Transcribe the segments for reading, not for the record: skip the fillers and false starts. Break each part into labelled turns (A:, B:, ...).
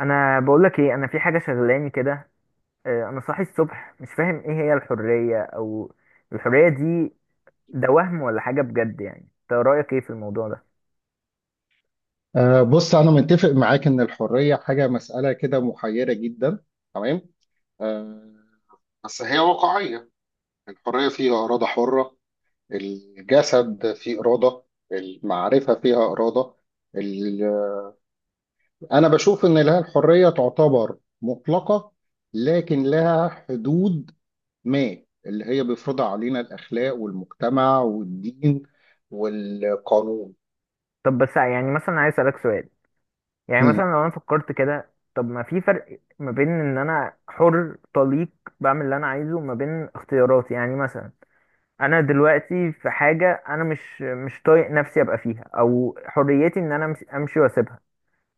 A: انا بقول لك ايه، انا في حاجه شغلاني كده. انا صاحي الصبح مش فاهم ايه هي الحريه او الحريه دي. ده وهم ولا حاجه بجد؟ يعني انت رايك ايه في الموضوع ده؟
B: بص أنا متفق معاك إن الحرية حاجة مسألة كده محيرة جدا. تمام. أه بس هي واقعية. الحرية فيها إرادة حرة، الجسد فيه إرادة، المعرفة فيها إرادة. ال- أنا بشوف إن لها الحرية تعتبر مطلقة، لكن لها حدود ما اللي هي بيفرضها علينا الأخلاق والمجتمع والدين والقانون.
A: طب بس يعني مثلا عايز اسالك سؤال. يعني مثلا
B: مم.
A: لو انا فكرت كده، طب ما في فرق ما بين ان انا حر طليق بعمل اللي انا عايزه، وما بين اختياراتي. يعني مثلا انا دلوقتي في حاجه انا مش طايق نفسي ابقى فيها، او حريتي ان انا امشي واسيبها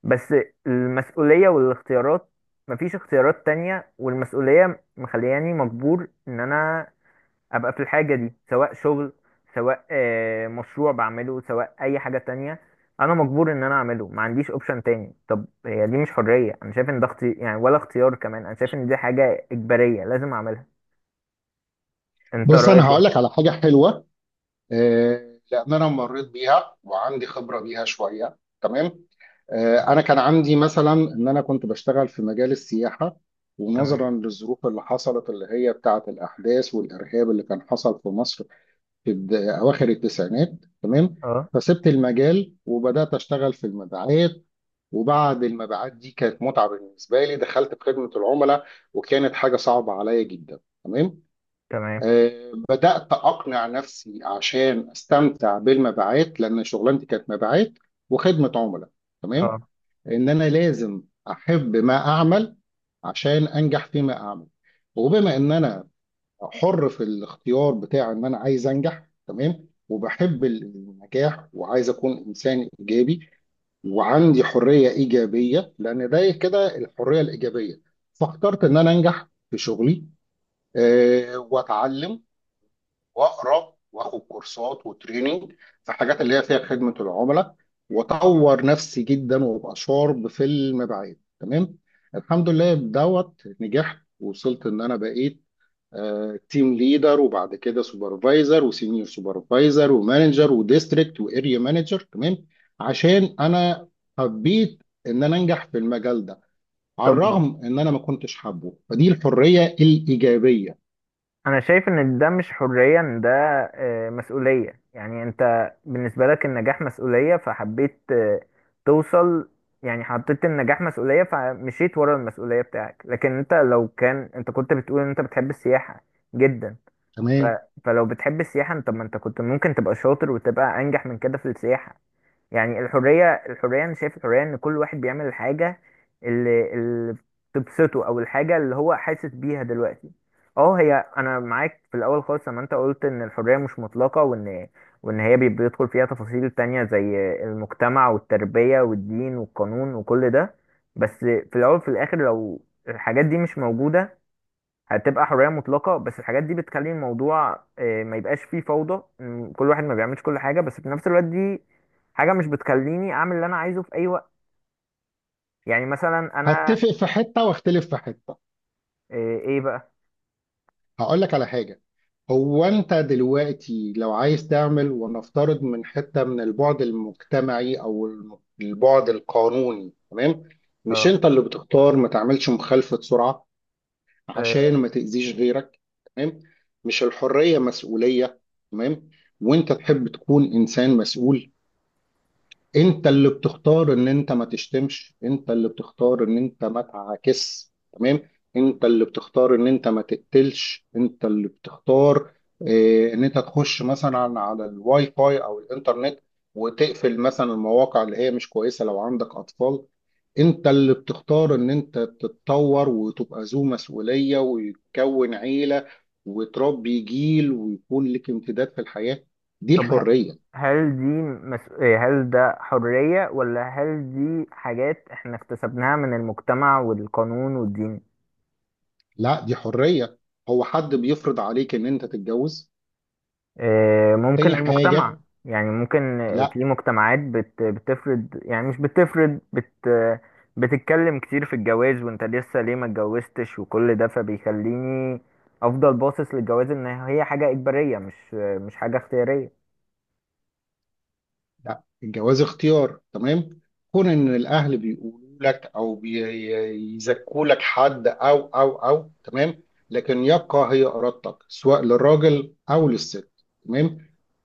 A: بس. المسؤولية والاختيارات، مفيش اختيارات تانية والمسؤولية مخلياني مجبور ان انا ابقى في الحاجة دي، سواء شغل، سواء مشروع بعمله، سواء اي حاجة تانية. انا مجبور ان انا اعمله، ما عنديش اوبشن تاني. طب هي دي مش حرية؟ انا شايف ان ده يعني ولا اختيار كمان، انا شايف ان دي حاجة اجبارية لازم اعملها. انت
B: بص أنا
A: رأيك
B: هقول
A: ايه؟
B: لك على حاجة حلوة، لان انا مريت بيها وعندي خبره بيها شويه. تمام. انا كان عندي مثلا ان انا كنت بشتغل في مجال السياحه، ونظرا
A: تمام.
B: للظروف اللي حصلت اللي هي بتاعه الاحداث والارهاب اللي كان حصل في مصر في اواخر التسعينات. تمام.
A: اه.
B: فسبت المجال وبدات اشتغل في المبيعات، وبعد المبيعات دي كانت متعه بالنسبه لي، دخلت في خدمه العملاء وكانت حاجه صعبه عليا جدا. تمام.
A: تمام.
B: بدأت أقنع نفسي عشان أستمتع بالمبيعات، لأن شغلانتي كانت مبيعات وخدمة عملاء. تمام.
A: اه.
B: إن أنا لازم أحب ما أعمل عشان أنجح فيما أعمل، وبما إن أنا حر في الاختيار بتاع إن أنا عايز أنجح، تمام، وبحب النجاح وعايز أكون إنسان إيجابي وعندي حرية إيجابية، لأن ده كده الحرية الإيجابية. فاخترت إن أنا أنجح في شغلي، وأتعلم واقرا واخد كورسات وتريننج في حاجات اللي هي فيها خدمه العملاء، واطور نفسي جدا وابقى شارب في المبيعات. تمام. الحمد لله بدوت نجحت، وصلت ان انا بقيت تيم ليدر، وبعد كده سوبرفايزر وسينيور سوبرفايزر ومانجر وديستريكت واريا مانجر. تمام. عشان انا حبيت ان انا انجح في المجال ده، على
A: طب
B: الرغم ان انا ما كنتش حابه. فدي الحريه الايجابيه.
A: انا شايف ان ده مش حرية، ان ده مسؤولية. يعني انت بالنسبة لك النجاح مسؤولية، فحبيت توصل. يعني حطيت النجاح مسؤولية فمشيت ورا المسؤولية بتاعك. لكن انت لو كان انت كنت بتقول ان انت بتحب السياحة جدا، ف...
B: تمام.
A: فلو بتحب السياحة انت، ما انت كنت ممكن تبقى شاطر وتبقى انجح من كده في السياحة. يعني الحرية أنا شايف الحرية إن كل واحد بيعمل الحاجة اللي تبسطه، أو الحاجة اللي هو حاسس بيها دلوقتي. أه، هي أنا معاك في الأول خالص لما أنت قلت إن الحرية مش مطلقة، وإن هي بيدخل فيها تفاصيل تانية زي المجتمع والتربية والدين والقانون وكل ده. بس في الأول وفي الآخر لو الحاجات دي مش موجودة هتبقى حرية مطلقة، بس الحاجات دي بتخلي الموضوع ما يبقاش فيه فوضى، إن كل واحد ما بيعملش كل حاجة. بس في نفس الوقت دي حاجة مش بتخليني أعمل اللي أنا عايزه في أي وقت. يعني مثلا أنا
B: هتفق في حته واختلف في حته.
A: إيه بقى؟
B: هقول لك على حاجة. هو انت دلوقتي لو عايز تعمل ونفترض من حتة من البعد المجتمعي او البعد القانوني، تمام، مش
A: اه.
B: انت اللي بتختار ما تعملش مخالفة سرعة عشان
A: آه،
B: ما تأذيش غيرك؟ تمام. مش الحرية مسؤولية؟ تمام. وانت تحب تكون انسان مسؤول. انت اللي بتختار ان انت ما تشتمش، انت اللي بتختار ان انت ما تعاكس، تمام، انت اللي بتختار ان انت ما تقتلش، انت اللي بتختار اه ان انت تخش مثلا على الواي فاي او الانترنت وتقفل مثلا المواقع اللي هي مش كويسة لو عندك اطفال. انت اللي بتختار ان انت تتطور وتبقى ذو مسؤولية ويتكون عيلة وتربي جيل ويكون لك امتداد في الحياة. دي
A: طب
B: الحرية.
A: هل دي مس... آه، هل ده حرية، ولا هل دي حاجات إحنا اكتسبناها من المجتمع والقانون والدين؟
B: لا، دي حرية. هو حد بيفرض عليك ان انت تتجوز؟
A: ممكن
B: تاني
A: المجتمع.
B: حاجة،
A: يعني ممكن
B: لا.
A: في مجتمعات بتفرض، يعني مش بتفرض بت آه، بتتكلم كتير في الجواز، وانت لسه ليه ما اتجوزتش وكل ده، فبيخليني افضل باصص للجواز ان هي حاجة اجبارية، مش مش حاجة اختيارية.
B: لا، الجواز اختيار. تمام. كون ان الاهل بيقولوا لك او بيزكوا لك حد او تمام، لكن يبقى هي ارادتك سواء للراجل او للست. تمام.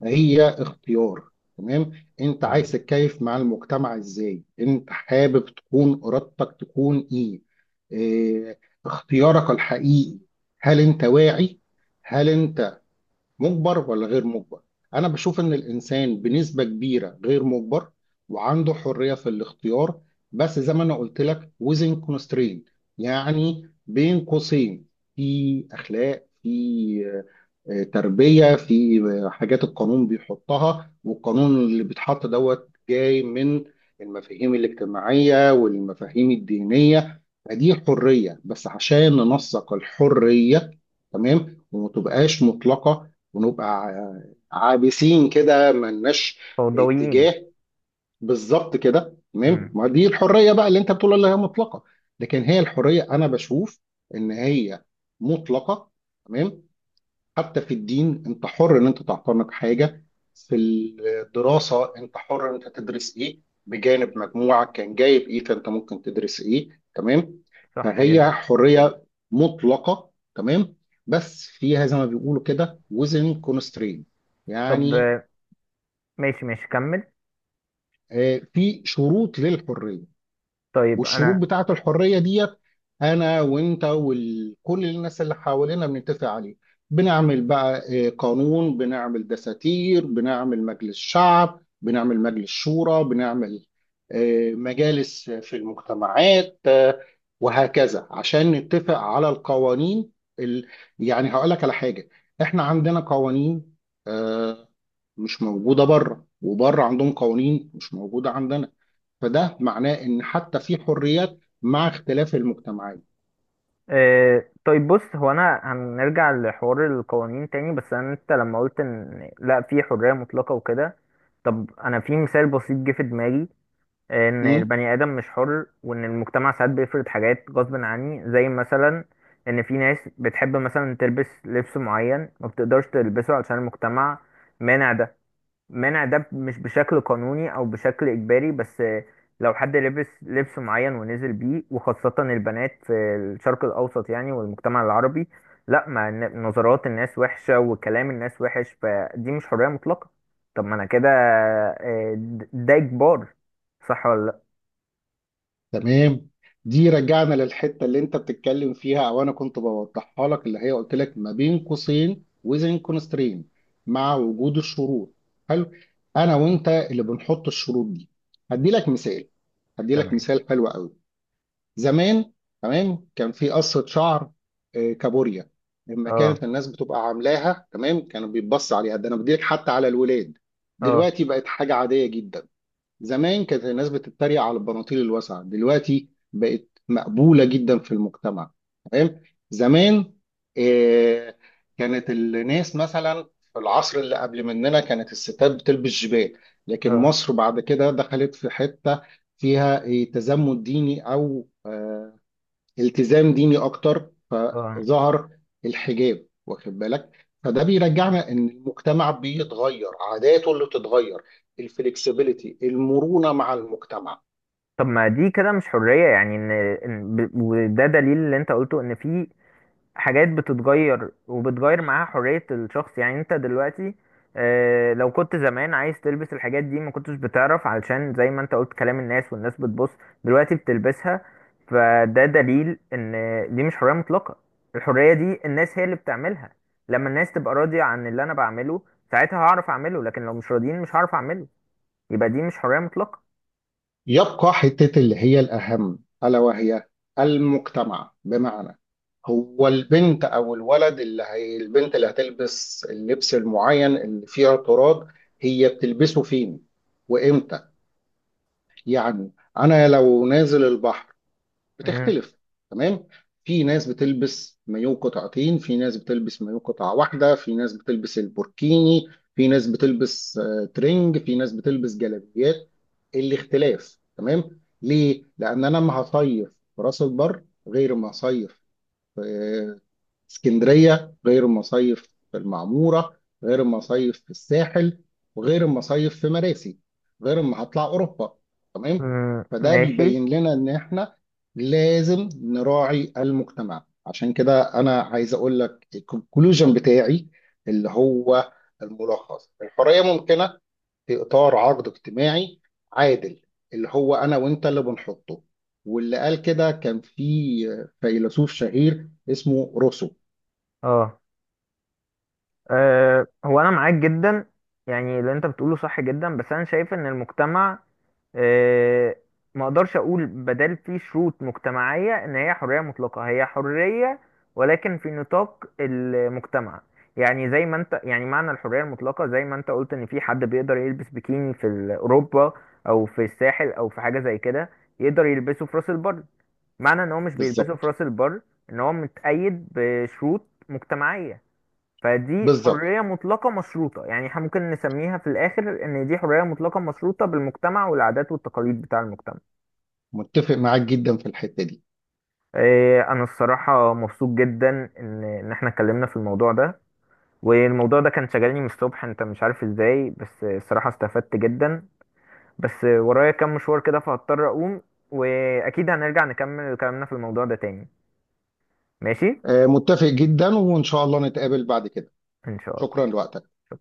B: هي اختيار. تمام. انت عايز
A: تمام.
B: تتكيف مع المجتمع ازاي، انت حابب تكون ارادتك تكون ايه؟ إيه، اختيارك الحقيقي. هل انت واعي؟ هل انت مجبر ولا غير مجبر؟ انا بشوف ان الانسان بنسبة كبيرة غير مجبر وعنده حرية في الاختيار، بس زي ما انا قلت لك within constraint، يعني بين قوسين. في اخلاق، في تربية، في حاجات القانون بيحطها، والقانون اللي بيتحط دوت جاي من المفاهيم الاجتماعية والمفاهيم الدينية. فدي حرية بس عشان ننسق الحرية، تمام، وما تبقاش مطلقة ونبقى عابسين كده ملناش
A: فوضويين.
B: اتجاه. بالظبط كده. تمام.
A: امم.
B: ما دي الحريه بقى اللي انت بتقول اللي هي مطلقه، لكن هي الحريه انا بشوف ان هي مطلقه. تمام. حتى في الدين انت حر ان انت تعتنق حاجه، في الدراسه انت حر ان انت تدرس ايه، بجانب مجموعك كان جايب ايه فانت ممكن تدرس ايه. تمام.
A: صح
B: فهي
A: جدا.
B: حريه مطلقه. تمام. بس فيها زي ما بيقولوا كده وزن كونسترين،
A: طب
B: يعني
A: ماشي ماشي كمل.
B: في شروط للحريه،
A: طيب
B: والشروط
A: انا.
B: بتاعت الحرية ديت أنا وأنت وكل الناس اللي حوالينا بنتفق عليه. بنعمل بقى قانون، بنعمل دساتير، بنعمل مجلس شعب، بنعمل مجلس شورى، بنعمل مجالس في المجتمعات، آه، وهكذا عشان نتفق على القوانين. ال... يعني هقول لك على حاجة، احنا عندنا قوانين آه، مش موجودة بره، وبره عندهم قوانين مش موجودة عندنا. فده معناه ان حتى في حريات مع اختلاف المجتمعات.
A: إيه، طيب بص، هو انا هنرجع لحوار القوانين تاني، بس انا انت لما قلت ان لا في حرية مطلقة وكده، طب انا في مثال بسيط جه في دماغي، ان
B: مم؟
A: البني ادم مش حر، وان المجتمع ساعات بيفرض حاجات غصب عني. زي مثلا ان في ناس بتحب مثلا تلبس لبس معين، ما بتقدرش تلبسه علشان المجتمع مانع ده. منع ده مش بشكل قانوني او بشكل اجباري، بس لو حد لبس لبس معين ونزل بيه، وخاصة البنات في الشرق الاوسط يعني والمجتمع العربي، لا، ما نظرات الناس وحشة وكلام الناس وحش، فدي مش حرية مطلقة. طب ما انا كده ده اجبار. صح ولا لا؟
B: تمام. دي رجعنا للحته اللي انت بتتكلم فيها او انا كنت بوضحها لك اللي هي قلت لك ما بين قوسين وزن كونسترين، مع وجود الشروط. حلو. انا وانت اللي بنحط الشروط دي. هدي لك مثال هدي لك
A: تمام.
B: مثال حلو قوي. زمان، تمام، كان في قصة شعر كابوريا. لما
A: اه.
B: كانت الناس بتبقى عاملاها، تمام، كانوا بيتبص عليها، ده انا بديلك حتى على الولاد.
A: اه.
B: دلوقتي بقت حاجة عادية جدا. زمان كانت الناس بتتريق على البناطيل الواسعة، دلوقتي بقت مقبولة جدا في المجتمع. تمام. زمان آه كانت الناس مثلا في العصر اللي قبل مننا كانت الستات بتلبس جبال، لكن
A: اه.
B: مصر بعد كده دخلت في حتة فيها تزمت ديني، أو التزام ديني اكتر،
A: اه.
B: فظهر الحجاب. واخد بالك؟ فده بيرجعنا ان المجتمع بيتغير، عاداته اللي بتتغير، الفلكسبيليتي، المرونة مع المجتمع.
A: طب ما دي كده مش حرية، يعني ان وده دليل اللي انت قلته، ان في حاجات بتتغير وبتغير معاها حرية الشخص. يعني انت دلوقتي لو كنت زمان عايز تلبس الحاجات دي ما كنتش بتعرف، علشان زي ما انت قلت، كلام الناس والناس بتبص. دلوقتي بتلبسها، فده دليل ان دي مش حرية مطلقة. الحرية دي الناس هي اللي بتعملها. لما الناس تبقى راضية عن اللي انا بعمله ساعتها هعرف اعمله، لكن لو مش راضيين مش هعرف اعمله. يبقى دي مش حرية مطلقة.
B: يبقى حتة اللي هي الأهم ألا وهي المجتمع، بمعنى هو البنت أو الولد اللي هي البنت اللي هتلبس اللبس المعين اللي فيه اعتراض، هي بتلبسه فين وإمتى؟ يعني أنا لو نازل البحر
A: مم.
B: بتختلف. تمام. في ناس بتلبس مايو قطعتين، في ناس بتلبس مايو قطعة واحدة، في ناس بتلبس البوركيني، في ناس بتلبس ترنج، في ناس بتلبس جلابيات. الاختلاف، تمام، ليه؟ لأن أنا ما هصيف في راس البر غير ما هصيف في اسكندرية، غير المصايف في المعمورة، غير المصايف في الساحل، وغير المصايف في مراسي، غير ما هطلع أوروبا. تمام.
A: مم.
B: فده
A: ماشي.
B: بيبين لنا إن إحنا لازم نراعي المجتمع. عشان كده أنا عايز أقول لك الكونكلوجن بتاعي اللي هو الملخص: الحرية ممكنة في اطار عقد اجتماعي عادل اللي هو انا وانت اللي بنحطه، واللي قال كده كان في فيلسوف شهير اسمه روسو.
A: اه. أه، هو انا معاك جدا، يعني اللي انت بتقوله صح جدا. بس انا شايف ان المجتمع، أه، ما اقدرش اقول بدل فيه شروط مجتمعية ان هي حرية مطلقة. هي حرية، ولكن في نطاق المجتمع. يعني زي ما انت، يعني معنى الحرية المطلقة زي ما انت قلت، ان في حد بيقدر يلبس بيكيني في اوروبا او في الساحل او في حاجة زي كده، يقدر يلبسه في راس البر. معنى ان هو مش بيلبسه في
B: بالظبط
A: راس البر، ان هو متقيد بشروط مجتمعية. فدي
B: بالظبط
A: حرية مطلقة مشروطة. يعني احنا ممكن نسميها في الآخر إن دي حرية مطلقة مشروطة بالمجتمع والعادات والتقاليد بتاع المجتمع.
B: متفق معاك جدا في الحتة دي.
A: إيه، أنا الصراحة مبسوط جدا إن احنا اتكلمنا في الموضوع ده، والموضوع ده كان شغالني من الصبح، أنت مش عارف إزاي. بس الصراحة استفدت جدا، بس ورايا كام مشوار كده فهضطر أقوم، وأكيد هنرجع نكمل كلامنا في الموضوع ده تاني. ماشي؟
B: متفق جدا، وان شاء الله نتقابل بعد كده.
A: إن شاء الله.
B: شكرا لوقتك.
A: شكرا.